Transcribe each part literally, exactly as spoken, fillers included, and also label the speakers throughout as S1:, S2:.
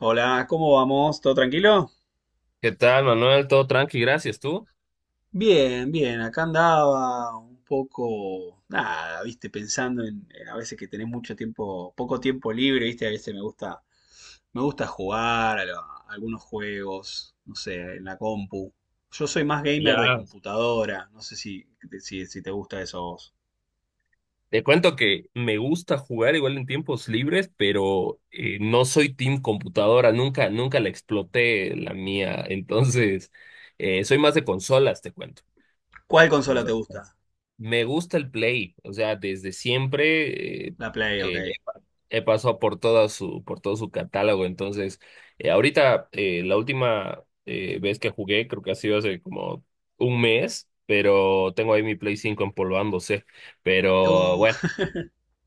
S1: Hola, ¿cómo vamos? ¿Todo tranquilo?
S2: ¿Qué tal, Manuel? Todo tranqui, gracias. ¿Tú?
S1: Bien, bien, acá andaba un poco, nada, viste, pensando en, en a veces que tenés mucho tiempo, poco tiempo libre, viste, a veces me gusta, me gusta jugar a, lo- a algunos juegos, no sé, en la compu. Yo soy más gamer de
S2: Ya.
S1: computadora, no sé si, si, si te gusta eso a vos.
S2: Te cuento que me gusta jugar igual en tiempos libres, pero eh, no soy team computadora, nunca, nunca la exploté la mía. Entonces, eh, soy más de consolas, te cuento.
S1: ¿Cuál consola te
S2: Consola.
S1: gusta?
S2: Me gusta el Play, o sea, desde siempre eh,
S1: La Play, ok.
S2: eh, he pasado por toda su, por todo su catálogo. Entonces, eh, ahorita eh, la última eh, vez que jugué, creo que ha sido hace como un mes, pero tengo ahí mi Play cinco empolvándose. Pero bueno,
S1: Uh,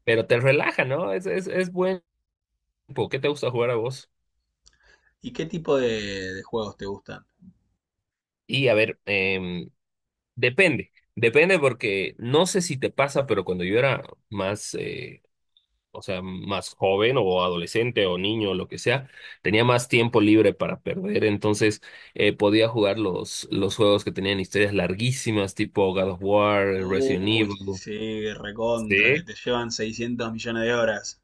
S2: pero te relaja, ¿no? Es, es, es buen tiempo. ¿Qué te gusta jugar a vos?
S1: ¿Y qué tipo de, de juegos te gustan?
S2: Y a ver, em, depende. Depende porque no sé si te pasa, pero cuando yo era más, eh, o sea, más joven o adolescente o niño o lo que sea, tenía más tiempo libre para perder, entonces eh, podía jugar los, los juegos que tenían historias larguísimas, tipo God of War, Resident
S1: Uy,
S2: Evil.
S1: sí, recontra, que
S2: Sí.
S1: te llevan 600 millones de horas.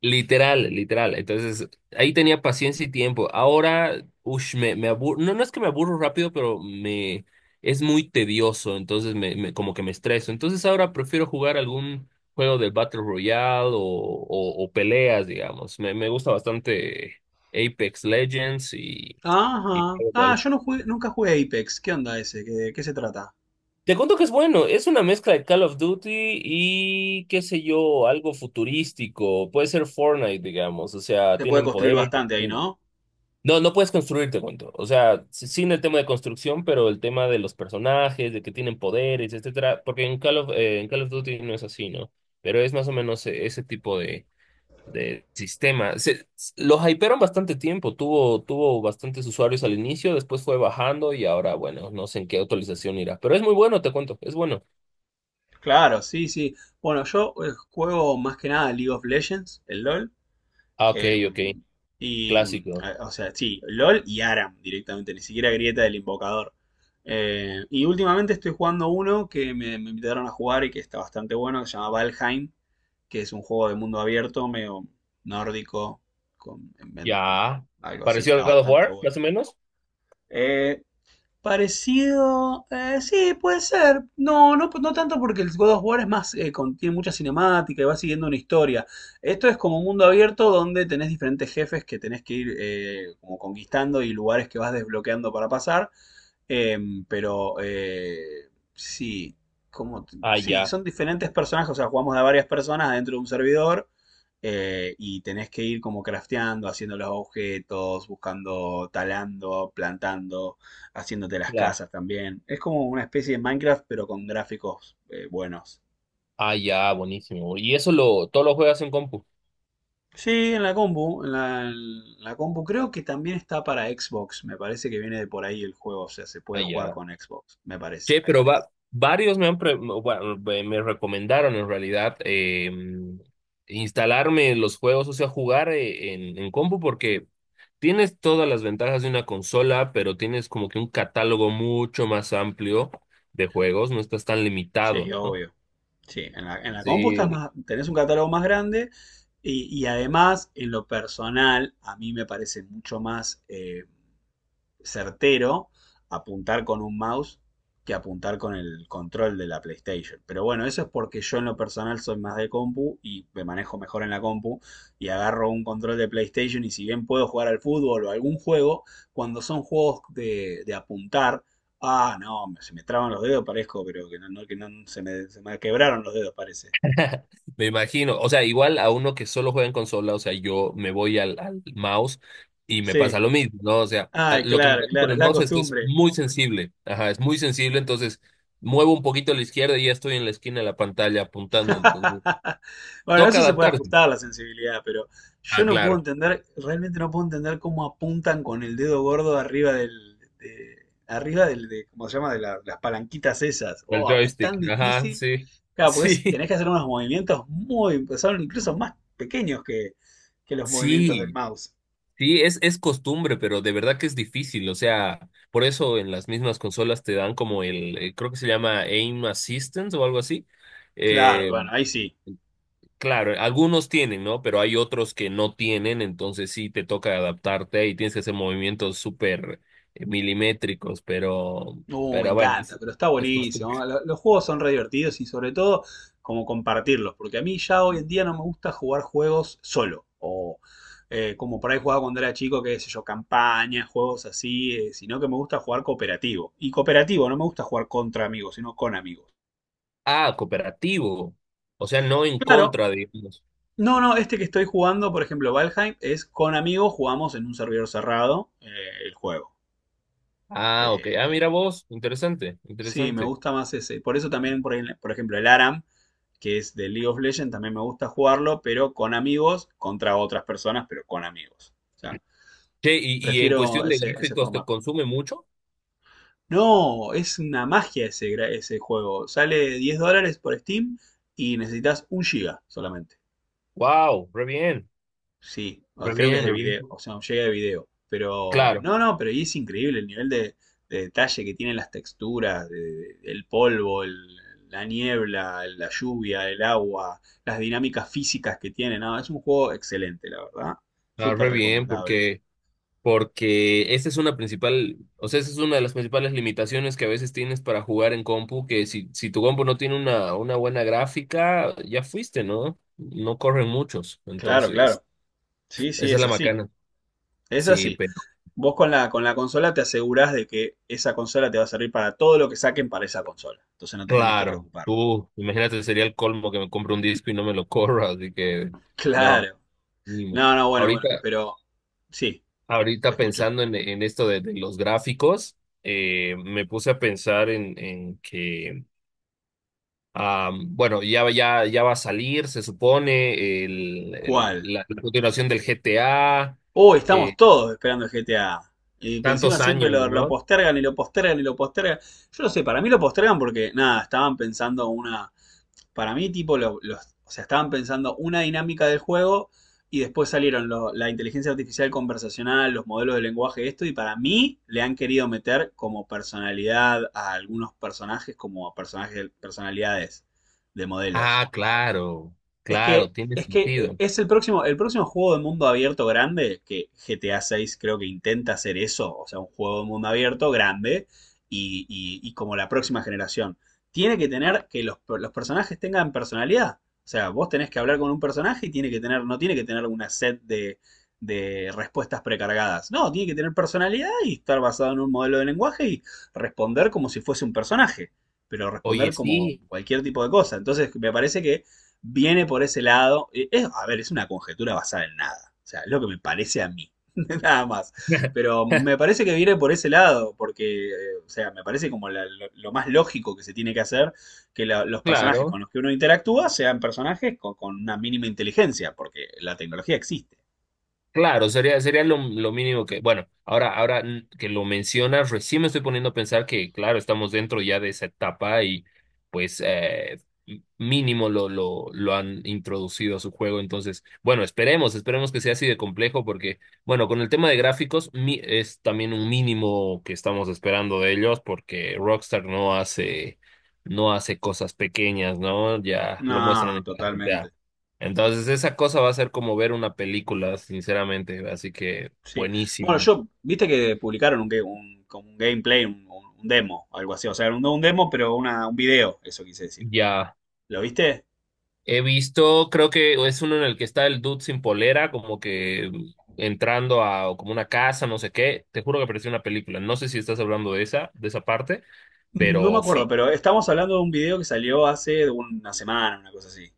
S2: Literal, literal. Entonces, ahí tenía paciencia y tiempo. Ahora, ush, me, me aburro. No, no es que me aburro rápido, pero me es muy tedioso. Entonces, me, me- como que me estreso. Entonces, ahora prefiero jugar algún juego del Battle Royale o, o, o peleas, digamos. Me, me gusta bastante Apex Legends y, y
S1: Ajá. Ah,
S2: LOL.
S1: yo no jugué- nunca jugué a Apex. ¿Qué onda ese? ¿Qué, qué se trata?
S2: Te cuento que es bueno, es una mezcla de Call of Duty y qué sé yo, algo futurístico, puede ser Fortnite, digamos, o sea,
S1: Se puede
S2: tienen
S1: construir
S2: poderes.
S1: bastante ahí, ¿no?
S2: No, no puedes construir, te cuento. O sea, sí- sin el tema de construcción, pero el tema de los personajes, de que tienen poderes, etcétera. Porque en Call of, eh, en Call of Duty no es así, ¿no? Pero es más o menos eh, ese tipo de, de sistema. Se, s- lo hypearon bastante tiempo, tuvo, tuvo bastantes usuarios al inicio, después fue bajando y ahora, bueno, no sé en qué actualización irá. Pero es muy bueno, te cuento, es bueno.
S1: Claro, sí, sí. Bueno, yo eh, juego más que nada League of Legends, el LOL.
S2: Ah, ok,
S1: Eh,
S2: ok,
S1: y, eh,
S2: clásico.
S1: o sea, sí, LOL y Aram directamente, ni siquiera Grieta del Invocador. Eh, y últimamente estoy jugando uno que me, me invitaron a jugar y que está bastante bueno, que se llama Valheim, que es un juego de mundo abierto, medio nórdico, con, en- en-
S2: Ya.
S1: algo así,
S2: ¿Pareció al
S1: está
S2: God of
S1: bastante
S2: War,
S1: bueno.
S2: más o menos?
S1: Eh, Parecido, eh, sí, puede ser. No, no, no tanto porque el God of War es más, eh, con- tiene mucha cinemática y va siguiendo una historia. Esto es como un mundo abierto donde tenés diferentes jefes que tenés que ir eh, como conquistando y lugares que vas desbloqueando para pasar. Em, pero eh, sí, como
S2: Ah,
S1: sí,
S2: ya.
S1: son diferentes personajes, o sea, jugamos de varias personas dentro de un servidor eh, y tenés que ir como crafteando, haciendo los objetos, buscando, talando, plantando, haciéndote las
S2: Claro.
S1: casas también. Es como una especie de Minecraft, pero con gráficos eh, buenos.
S2: Ah, ya, buenísimo. ¿Y eso lo, todo lo juegas en compu?
S1: Sí, en la compu, en la, en la compu creo que también está para Xbox, me parece que viene de por ahí el juego, o sea, se puede jugar
S2: Allá.
S1: con Xbox, me parece.
S2: Che, pero va, varios me han pre- bueno, me me recomendaron en realidad eh, instalarme los juegos, o sea, jugar eh, en, en compu porque tienes todas las ventajas de una consola, pero tienes como que un catálogo mucho más amplio de juegos, no estás tan limitado,
S1: Sí,
S2: ¿no?
S1: obvio. Sí, en la, en la compu estás
S2: Sí.
S1: más, tenés un catálogo más grande y, y además, en lo personal, a mí me parece mucho más eh, certero apuntar con un mouse que apuntar con el control de la PlayStation. Pero bueno, eso es porque yo en lo personal soy más de compu y me manejo mejor en la compu y agarro un control de PlayStation y si bien puedo jugar al fútbol o algún juego, cuando son juegos de, de apuntar, ah, no, se me traban los dedos, parezco, pero que no, no- que no se me, se me quebraron los dedos, parece.
S2: Me imagino, o sea, igual a uno que solo juega en consola, o sea, yo me voy al, al mouse y me pasa
S1: Sí.
S2: lo mismo, ¿no? O sea, a-
S1: Ay,
S2: lo que me
S1: claro,
S2: pasa con
S1: claro, es
S2: el
S1: la
S2: mouse es que es
S1: costumbre.
S2: muy sensible, ajá, es muy sensible, entonces muevo un poquito a la izquierda y ya estoy en la esquina de la pantalla apuntando, entonces
S1: Bueno,
S2: toca
S1: eso se puede
S2: adaptarse.
S1: ajustar a la sensibilidad, pero yo
S2: Ah,
S1: no
S2: claro,
S1: puedo entender, realmente no puedo entender cómo apuntan con el dedo gordo arriba del, de- arriba del, de, ¿cómo se llama? De la- las palanquitas esas.
S2: el
S1: Oh, es
S2: joystick,
S1: tan
S2: ajá,
S1: difícil.
S2: sí,
S1: Claro, pues
S2: sí,
S1: tenés que hacer unos movimientos muy, son incluso más pequeños que, que los movimientos del
S2: sí,
S1: mouse.
S2: sí, es, es costumbre, pero de verdad que es difícil. O sea, por eso en las mismas consolas te dan como el, eh, creo que se llama Aim Assistance o algo así.
S1: Claro,
S2: Eh,
S1: bueno, ahí sí.
S2: claro, algunos tienen, ¿no? Pero hay otros que no tienen, entonces sí te toca adaptarte y tienes que hacer movimientos súper eh, milimétricos, pero,
S1: Uh, me
S2: pero bueno,
S1: encanta,
S2: es,
S1: pero está
S2: es costumbre.
S1: buenísimo. Lo- Los juegos son re divertidos y sobre todo como compartirlos, porque a mí ya hoy en día no me gusta jugar juegos solo, o eh, como por ahí jugaba cuando era chico, qué sé yo, campañas, juegos así, eh, sino que me gusta jugar cooperativo. Y cooperativo, no me gusta jugar contra amigos, sino con amigos.
S2: Ah, cooperativo. O sea, no en
S1: Claro,
S2: contra, digamos.
S1: no, no, este que estoy jugando, por ejemplo, Valheim, es con amigos, jugamos en un servidor cerrado eh, el juego.
S2: Ah, ok. Ah,
S1: Eh,
S2: mira vos, interesante,
S1: sí, me
S2: interesante.
S1: gusta más ese. Por eso también, por, ahí, por ejemplo, el ARAM, que es de League of Legends, también me gusta jugarlo, pero con amigos, contra otras personas, pero con amigos. O sea,
S2: Che, y, y en
S1: prefiero
S2: cuestión de
S1: ese, ese
S2: gráficos, ¿te
S1: formato.
S2: consume mucho?
S1: No, es una magia ese, gra- ese juego. Sale diez dólares por Steam y necesitas un giga solamente.
S2: Wow, re bien,
S1: Sí, o
S2: re
S1: creo que es
S2: bien,
S1: de
S2: re bien.
S1: video, o sea, llega de video. Pero,
S2: Claro,
S1: no, no, pero y es increíble el nivel de, de detalle que tienen las texturas, de- de- el polvo, el- la niebla, la lluvia, el agua, las dinámicas físicas que tiene. No, es un juego excelente, la verdad.
S2: ah,
S1: Súper
S2: re bien,
S1: recomendable.
S2: porque, porque esa es una principal, o sea, esa es una de las principales limitaciones que a veces tienes para jugar en compu, que si, si tu compu no tiene una, una buena gráfica, ya fuiste, ¿no? No corren muchos,
S1: Claro,
S2: entonces,
S1: claro. Sí, sí,
S2: esa es
S1: es
S2: la
S1: así.
S2: macana.
S1: Es
S2: Sí,
S1: así.
S2: pero
S1: Vos con la, con la consola te asegurás de que esa consola te va a servir para todo lo que saquen para esa consola. Entonces no te tenés que
S2: claro,
S1: preocupar.
S2: tú, imagínate, sería el colmo que me compre un disco y no me lo corra, así que, no,
S1: Claro.
S2: mínimo.
S1: No, no, bueno,
S2: Ahorita.
S1: bueno, pero sí. Te
S2: Ahorita
S1: escucho.
S2: pensando en, en esto de, de los gráficos, eh, me puse a pensar en, en que, am, bueno, ya, ya, ya va a salir, se supone, el, el-
S1: ¿Cuál?
S2: la, la continuación del G T A,
S1: Uy, estamos
S2: eh,
S1: todos esperando el G T A. Y por encima
S2: tantos
S1: siempre
S2: años,
S1: lo, lo
S2: ¿no?
S1: postergan y lo postergan y lo postergan. Yo no sé, para mí lo postergan porque, nada, estaban pensando una. Para mí, tipo, lo- los, o sea, estaban pensando una dinámica del juego y después salieron lo- la inteligencia artificial conversacional, los modelos de lenguaje, esto. Y para mí, le han querido meter como personalidad a algunos personajes, como personajes, personalidades de modelos.
S2: Ah, claro,
S1: Es
S2: claro,
S1: que,
S2: tiene
S1: es que eh,
S2: sentido.
S1: es el próximo, el próximo juego de mundo abierto grande, que G T A seis creo que intenta hacer eso, o sea, un juego de mundo abierto grande y, y- y como la próxima generación. Tiene que tener que los, los personajes tengan personalidad. O sea, vos tenés que hablar con un personaje y tiene que tener, no tiene que tener una set de, de respuestas precargadas. No, tiene que tener personalidad y estar basado en un modelo de lenguaje y responder como si fuese un personaje, pero
S2: Oye,
S1: responder como
S2: sí,
S1: cualquier tipo de cosa. Entonces, me parece que viene por ese lado. eh, Es, a ver, es una conjetura basada en nada. O sea, es lo que me parece a mí. Nada más. Pero me parece que viene por ese lado, porque, eh, o sea, me parece como la- lo, lo más lógico que se tiene que hacer que la- los personajes
S2: claro.
S1: con los que uno interactúa sean personajes con, con una mínima inteligencia, porque la tecnología existe.
S2: Claro, sería, sería lo, lo mínimo que, bueno, ahora, ahora mm, que lo mencionas, recién me estoy poniendo a pensar que, claro, estamos dentro ya de esa etapa y pues eh, m- mínimo lo, lo, lo han introducido a su juego. Entonces, bueno, esperemos, esperemos que sea así de complejo porque, bueno, con el tema de gráficos mi- es también un mínimo que estamos esperando de ellos porque Rockstar no hace, no hace cosas pequeñas, ¿no? Ya lo muestran
S1: No,
S2: en cada G T A.
S1: totalmente.
S2: Entonces, esa cosa va a ser como ver una película, sinceramente. Así que,
S1: Sí. Bueno,
S2: buenísimo.
S1: yo, viste que publicaron un, ga- un- como un gameplay, un, un- un demo, algo así. O sea, no un demo, pero una, un video, eso quise decir.
S2: Ya.
S1: ¿Lo viste?
S2: He visto, creo que es uno en el que está el dude sin polera, como que entrando a como una casa, no sé qué. Te juro que pareció una película. No sé si estás hablando de esa, de esa parte,
S1: No me
S2: pero
S1: acuerdo,
S2: sí.
S1: pero estamos hablando de un video que salió hace una semana, una cosa así.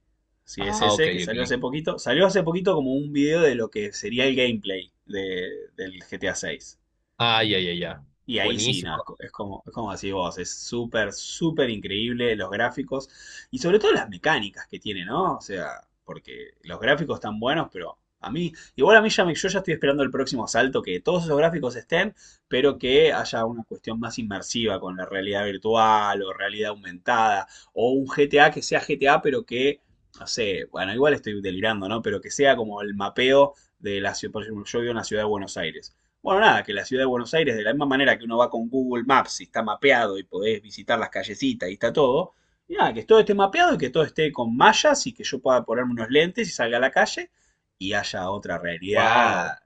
S1: Si es
S2: Ah, ok,
S1: ese, que
S2: ok.
S1: salió hace poquito. Salió hace poquito como un video de lo que sería el gameplay de, del G T A seis.
S2: Ah, ya, ya, ya.
S1: Y ahí sí, nada, es
S2: Buenísimo.
S1: co- es como, es como decís vos, es súper, súper increíble los gráficos y sobre todo las mecánicas que tiene, ¿no? O sea, porque los gráficos están buenos, pero a mí, igual a mí ya me- yo ya estoy esperando el próximo salto, que todos esos gráficos estén, pero que haya una cuestión más inmersiva con la realidad virtual o realidad aumentada, o un G T A que sea G T A, pero que, no sé, bueno, igual estoy delirando, ¿no? Pero que sea como el mapeo de la ciudad, por ejemplo, yo vivo en la ciudad de Buenos Aires. Bueno, nada, que la ciudad de Buenos Aires, de la misma manera que uno va con Google Maps y está mapeado y podés visitar las callecitas y está todo, y nada, que todo esté mapeado y que todo esté con mallas y que yo pueda ponerme unos lentes y salga a la calle y haya otra realidad.
S2: Wow.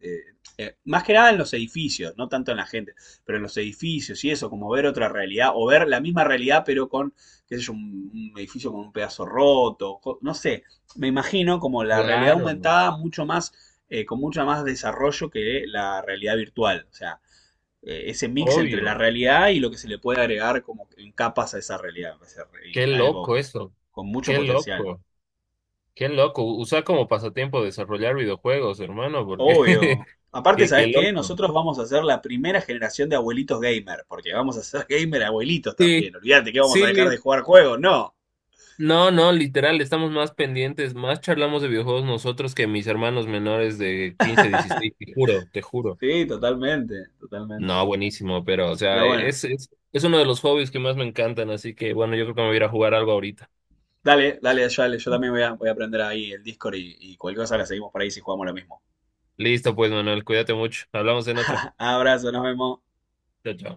S1: eh, eh, eh, Más que nada en los edificios, no tanto en la gente, pero en los edificios y eso, como ver otra realidad o ver la misma realidad pero con, qué sé yo, un, un edificio con un pedazo roto, co- no sé, me imagino como la realidad
S2: Claro.
S1: aumentada mucho más eh, con mucho más desarrollo que la realidad virtual. O sea, eh, ese mix entre la
S2: Obvio.
S1: realidad y lo que se le puede agregar como en capas a esa realidad. Va a ser
S2: Qué
S1: eh, algo
S2: loco
S1: que-
S2: eso.
S1: con mucho
S2: Qué
S1: potencial.
S2: loco. Qué loco, usa como pasatiempo desarrollar videojuegos, hermano, porque
S1: Obvio. Aparte,
S2: qué, qué
S1: ¿sabes qué?
S2: loco.
S1: Nosotros vamos a ser la primera generación de abuelitos gamer, porque vamos a ser gamer abuelitos
S2: Sí,
S1: también. Olvídate que vamos
S2: sí,
S1: a dejar de
S2: li-
S1: jugar juegos, no.
S2: no, no, literal, estamos más pendientes, más charlamos de videojuegos nosotros que mis hermanos menores de quince, dieciséis. Te juro, te juro.
S1: Sí, totalmente, totalmente.
S2: No, buenísimo, pero, o
S1: Pero
S2: sea, e-,
S1: bueno,
S2: es, es, es uno de los hobbies que más me encantan, así que, bueno, yo creo que me voy a ir a jugar algo ahorita.
S1: dale, dale, yo, yo también voy a, voy a aprender ahí el Discord y, y cualquier cosa la seguimos por ahí si jugamos lo mismo.
S2: Listo, pues, Manuel, cuídate mucho, hablamos en otra.
S1: Abrazo, nos vemos.
S2: Chao, chao.